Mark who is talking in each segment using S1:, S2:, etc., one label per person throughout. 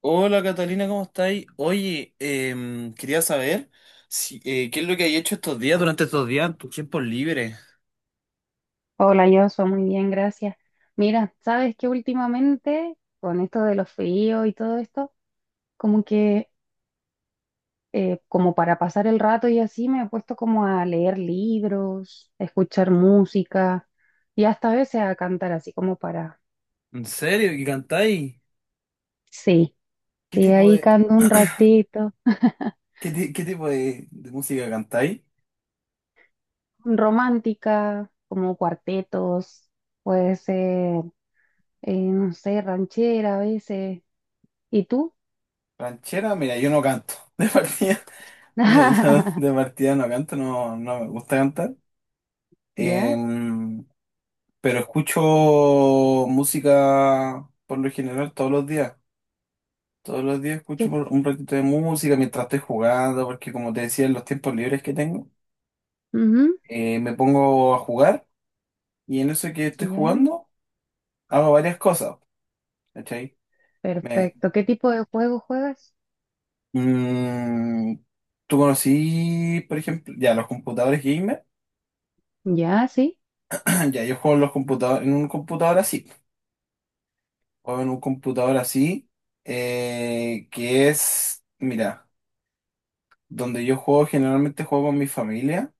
S1: Hola Catalina, ¿cómo estáis? Oye, quería saber si, qué es lo que hay hecho estos días, durante estos días, en tus tiempos libres.
S2: Hola, yo soy muy bien, gracias. Mira, sabes que últimamente con esto de los fríos y todo esto, como que como para pasar el rato y así me he puesto como a leer libros, a escuchar música y hasta a veces a cantar así como para,
S1: ¿En serio? ¿Y cantáis?
S2: sí,
S1: ¿Qué
S2: sí,
S1: tipo
S2: ahí
S1: de,
S2: canto un ratito,
S1: qué tipo de música cantáis?
S2: romántica, como cuartetos, puede ser, no sé, ranchera a veces. ¿Y tú?
S1: ¿Ranchera? Mira, yo no canto. De partida, yo de partida no canto, no, no me gusta cantar.
S2: ¿Ya?
S1: Em, pero escucho música por lo general todos los días. Todos los días escucho
S2: ¿Qué?
S1: por un ratito de música mientras estoy jugando, porque como te decía, en los tiempos libres que tengo,
S2: Ujú.
S1: me pongo a jugar y en eso que estoy
S2: ¿Ya?
S1: jugando hago varias cosas, ¿cachai? Me,
S2: Perfecto. ¿Qué tipo de juego juegas?
S1: mm, tú conocí, por ejemplo, ya los computadores gamer,
S2: Ya, sí.
S1: ya yo juego en los computadores, en un computador así, o en un computador así, que es, mira, donde yo juego generalmente juego con mi familia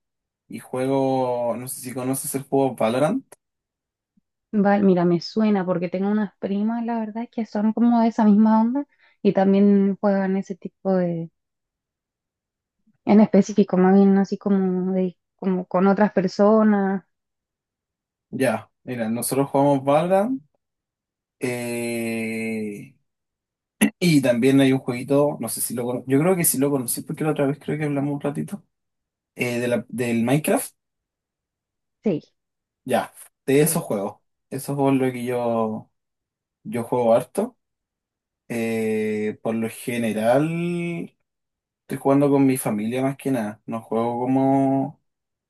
S1: y juego, no sé si conoces el juego Valorant.
S2: Vale, mira, me suena porque tengo unas primas, la verdad, que son como de esa misma onda y también juegan ese tipo de, en específico, más bien así como de, como con otras personas.
S1: Ya, mira, nosotros jugamos Valorant, eh, y también hay un jueguito, no sé si lo conoces, yo creo que sí lo conocí porque la otra vez creo que hablamos un ratito, del Minecraft,
S2: Sí,
S1: ya, de
S2: sí.
S1: esos juegos lo que yo juego harto, por lo general estoy jugando con mi familia más que nada, no juego como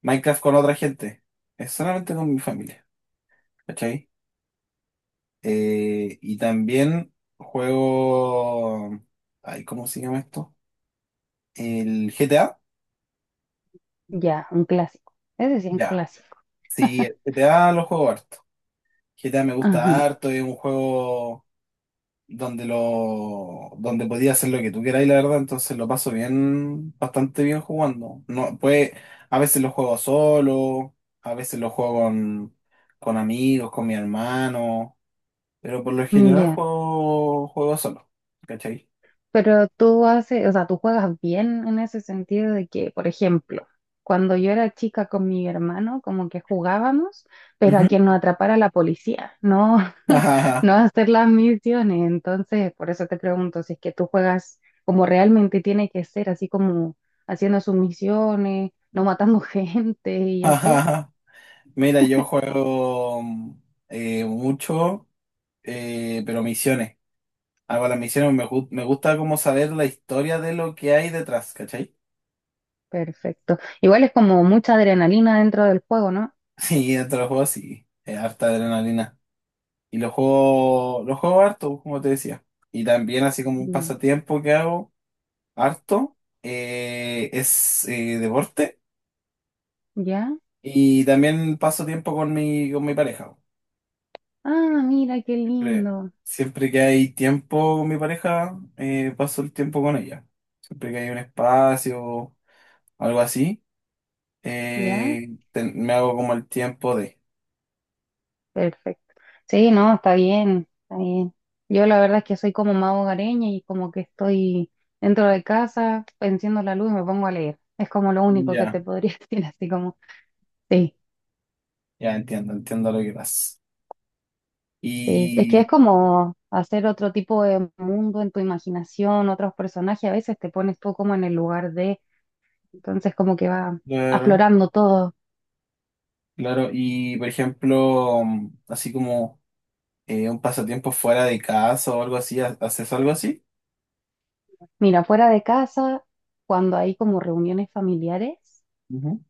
S1: Minecraft con otra gente, es solamente con mi familia, ¿cachai? Y también juego. Ay, ¿cómo se llama esto? El GTA.
S2: Ya, un clásico. Ese sí es un
S1: Ya.
S2: clásico.
S1: Sí, el GTA lo juego harto. GTA me gusta
S2: Ajá.
S1: harto, es un juego donde podías hacer lo que tú queráis, la verdad, entonces lo paso bien, bastante bien jugando. No, pues a veces lo juego solo, a veces lo juego con amigos, con mi hermano, pero por lo general
S2: Ya.
S1: juego solo, ¿cachai?
S2: Pero tú haces, o sea, tú juegas bien en ese sentido de que, por ejemplo, cuando yo era chica con mi hermano, como que jugábamos, pero a
S1: Ujú.
S2: que nos atrapara la policía, no, no a hacer las misiones. Entonces, por eso te pregunto si es que tú juegas como realmente tiene que ser, así como haciendo sus misiones, no matando gente y
S1: Ajá,
S2: así.
S1: ajá. Mira, yo juego mucho, pero misiones. Hago las misiones, me gusta como saber la historia de lo que hay detrás, ¿cachai?
S2: Perfecto. Igual es como mucha adrenalina dentro del juego, ¿no?
S1: Sí, dentro de los juegos sí, es harta adrenalina. Y los juego harto, como te decía. Y también así como un
S2: Bien.
S1: pasatiempo que hago harto, es deporte.
S2: ¿Ya?
S1: Y también paso tiempo con mi pareja.
S2: Ah, mira, qué
S1: Siempre,
S2: lindo.
S1: siempre que hay tiempo con mi pareja, paso el tiempo con ella. Siempre que hay un espacio, algo así,
S2: ¿Ya?
S1: me hago como el tiempo de.
S2: Perfecto. Sí, no, está bien, está bien. Yo la verdad es que soy como más hogareña y como que estoy dentro de casa, enciendo la luz y me pongo a leer. Es como lo único que
S1: Ya,
S2: te podría decir, así como, sí,
S1: ya entiendo, entiendo lo que pasa.
S2: sí. Es que es
S1: Y,
S2: como hacer otro tipo de mundo en tu imaginación, otros personajes, a veces te pones tú como en el lugar de, entonces como que va
S1: claro,
S2: aflorando todo.
S1: claro, y por ejemplo, así como un pasatiempo fuera de casa o algo así, ¿Haces algo así?
S2: Mira, fuera de casa, cuando hay como reuniones familiares.
S1: Ujú.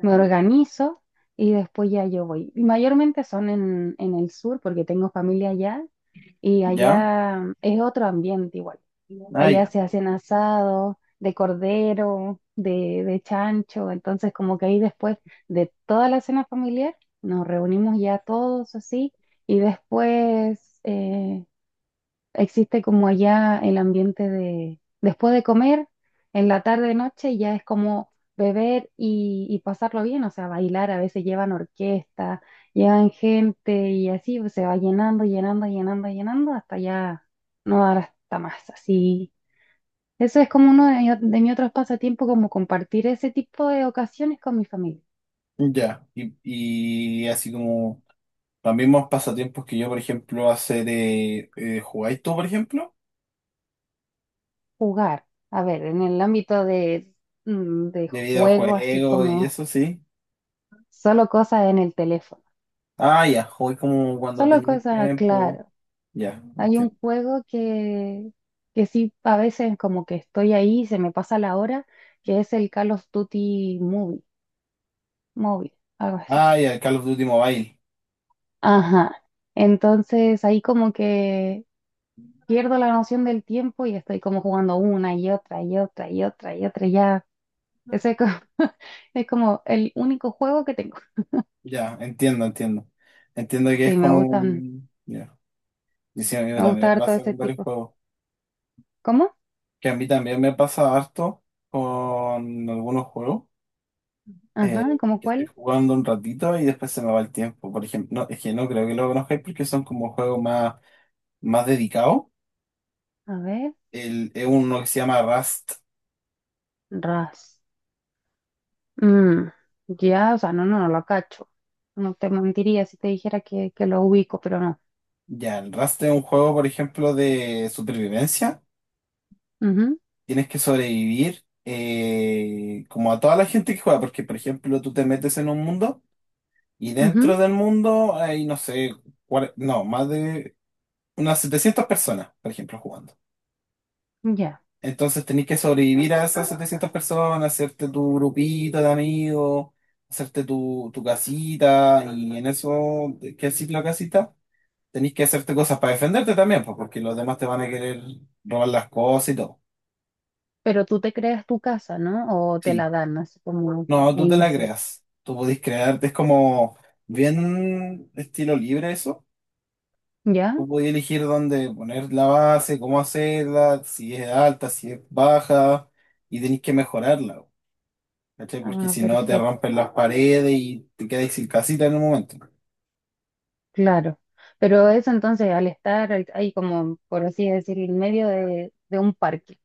S2: Me organizo y después ya yo voy. Y mayormente son en el sur porque tengo familia allá y
S1: ¿Ya?
S2: allá es otro ambiente igual.
S1: Ah,
S2: Allá
S1: ya,
S2: se hacen asados de cordero, de chancho, entonces como que ahí después de toda la cena familiar nos reunimos ya todos así y después existe como allá el ambiente de después de comer, en la tarde noche ya es como beber y pasarlo bien, o sea, bailar, a veces llevan orquesta, llevan gente y así pues, se va llenando, llenando, llenando, llenando hasta ya no dar hasta más, así. Eso es como uno de, de mis otros pasatiempos, como compartir ese tipo de ocasiones con mi familia,
S1: ya. Y así como. Los mismos pasatiempos que yo, por ejemplo, hace de. ¿Jugáis tú, por ejemplo?
S2: jugar. A ver, en el ámbito de, de
S1: De
S2: juego, así
S1: videojuegos y
S2: como
S1: eso, sí.
S2: solo cosas en el teléfono.
S1: Ah, ya, jugué como cuando
S2: Solo
S1: tenía
S2: cosas,
S1: tiempo.
S2: claro.
S1: Ya,
S2: Hay un
S1: entiendo.
S2: juego que sí, a veces como que estoy ahí y se me pasa la hora, que es el Call of Duty Movie, móvil, algo así.
S1: Ah, ya, el Call of Duty Mobile.
S2: Ajá. Entonces ahí como que pierdo la noción del tiempo y estoy como jugando una y otra y otra y otra y otra y ya. Ese es como, es como el único juego que tengo.
S1: Ya, entiendo, entiendo. Entiendo que es
S2: Sí, me
S1: como...
S2: gustan,
S1: un- Ya. Y sí, a mí
S2: me gusta
S1: también me
S2: ver todo
S1: pasa
S2: ese
S1: con varios
S2: tipo.
S1: juegos.
S2: ¿Cómo?
S1: Que a mí también me pasa harto con algunos juegos.
S2: Ajá,
S1: eh,
S2: ¿cómo
S1: que estoy
S2: cuál?
S1: jugando un ratito y después se me va el tiempo. Por ejemplo, no, es que no creo que lo conozcáis porque son como juegos más dedicados.
S2: A ver,
S1: Es uno que se llama Rust.
S2: Rust. Mm, ya, o sea, no, no, no lo cacho. No te mentiría si te dijera que lo ubico, pero no.
S1: Ya, el Rust es un juego, por ejemplo, de supervivencia.
S2: Ujú,
S1: Tienes que sobrevivir como a toda la gente que juega, porque, por ejemplo, tú te metes en un mundo y dentro del mundo hay, no sé, no, más de unas 700 personas, por ejemplo, jugando.
S2: ujú, ya.
S1: Entonces tenés que sobrevivir a esas 700 personas, hacerte tu grupito de amigos, hacerte tu casita y en eso, ¿qué es la casita? Tenés que hacerte cosas para defenderte también, pues, porque los demás te van a querer robar las cosas y todo.
S2: Pero tú te creas tu casa, ¿no? O te
S1: Sí,
S2: la dan así como
S1: no,
S2: al
S1: tú te la
S2: iniciar.
S1: creas. Tú podés crearte, es como bien estilo libre eso.
S2: ¿Ya?
S1: Tú podés elegir dónde poner la base, cómo hacerla, si es alta, si es baja, y tenés que mejorarla, ¿cachai? Porque
S2: Ah,
S1: si no te
S2: perfecto,
S1: rompen las paredes y te quedas sin casita en un momento.
S2: claro. Pero eso entonces, al estar ahí como, por así decir, en medio de un parque,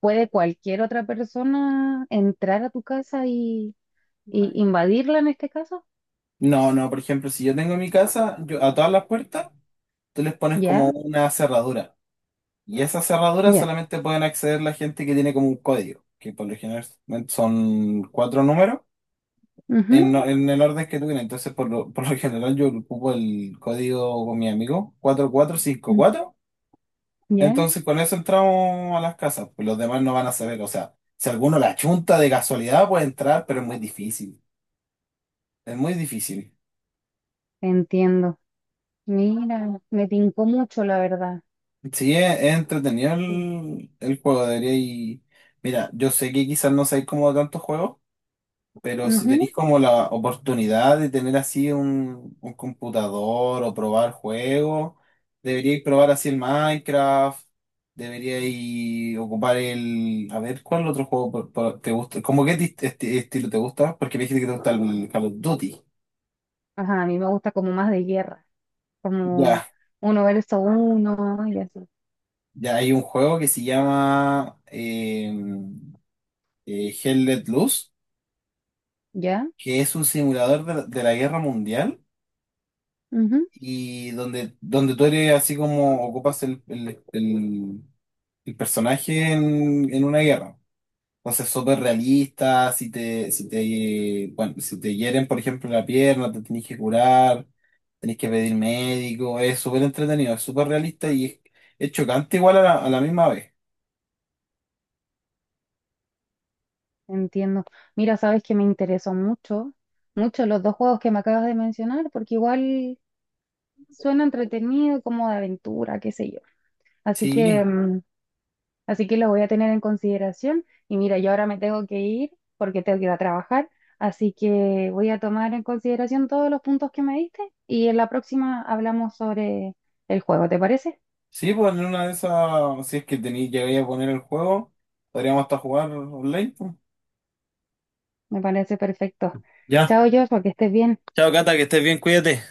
S2: ¿puede cualquier otra persona entrar a tu casa y invadirla en este caso?
S1: No, no, por ejemplo, si yo tengo mi casa, yo a todas las puertas, tú les pones
S2: ¿Ya?
S1: como una cerradura. Y esas cerraduras
S2: ¿Ya?
S1: solamente pueden acceder la gente que tiene como un código, que por lo general son cuatro números
S2: Ujú,
S1: en, no- en el orden que tú tienes. Entonces, por lo general, yo ocupo el código con mi amigo, cuatro cuatro cinco
S2: mm,
S1: cuatro
S2: ¿Ya?
S1: Entonces, con eso entramos a las casas, pues los demás no van a saber. O sea, si alguno la chunta de casualidad puede entrar, pero es muy difícil. Es muy difícil.
S2: Entiendo. Mira, me tincó mucho, la verdad.
S1: Sí, es entretenido
S2: Sí.
S1: el juego, debería y. Mira, yo sé que quizás no sé cómo tantos juegos. Pero si
S2: Ujú.
S1: tenéis como la oportunidad de tener así un computador o probar juegos, deberíais probar así el Minecraft, deberíais ocupar el. A ver, ¿cuál otro juego te gusta? ¿Cómo qué estilo te gusta? Porque me dijiste que te gusta el Call of Duty.
S2: Ajá, a mí me gusta como más de guerra, como
S1: Ya,
S2: uno versus uno y así.
S1: ya hay un juego que se llama Hell Let Loose,
S2: ¿Ya?
S1: que es un simulador de la guerra mundial.
S2: Ujú.
S1: Y donde tú eres así como ocupas el personaje en una guerra. Entonces, súper realista, bueno, si te hieren, por ejemplo, la pierna, te tenés que curar, tenés que pedir médico, es súper entretenido, es súper realista y es chocante igual a la misma vez.
S2: Entiendo. Mira, sabes que me interesó mucho, mucho los dos juegos que me acabas de mencionar, porque igual suena entretenido, como de aventura, qué sé yo. Así que
S1: Sí,
S2: así que lo voy a tener en consideración. Y mira, yo ahora me tengo que ir porque tengo que ir a trabajar. Así que voy a tomar en consideración todos los puntos que me diste y en la próxima hablamos sobre el juego, ¿te parece?
S1: sí, pues en una de esas, si es que tenéis, llegáis a poner el juego, podríamos hasta jugar online, pues.
S2: Me parece perfecto.
S1: Ya.
S2: Chao, Joshua, que estés bien.
S1: Chao, Cata, que estés bien, cuídate.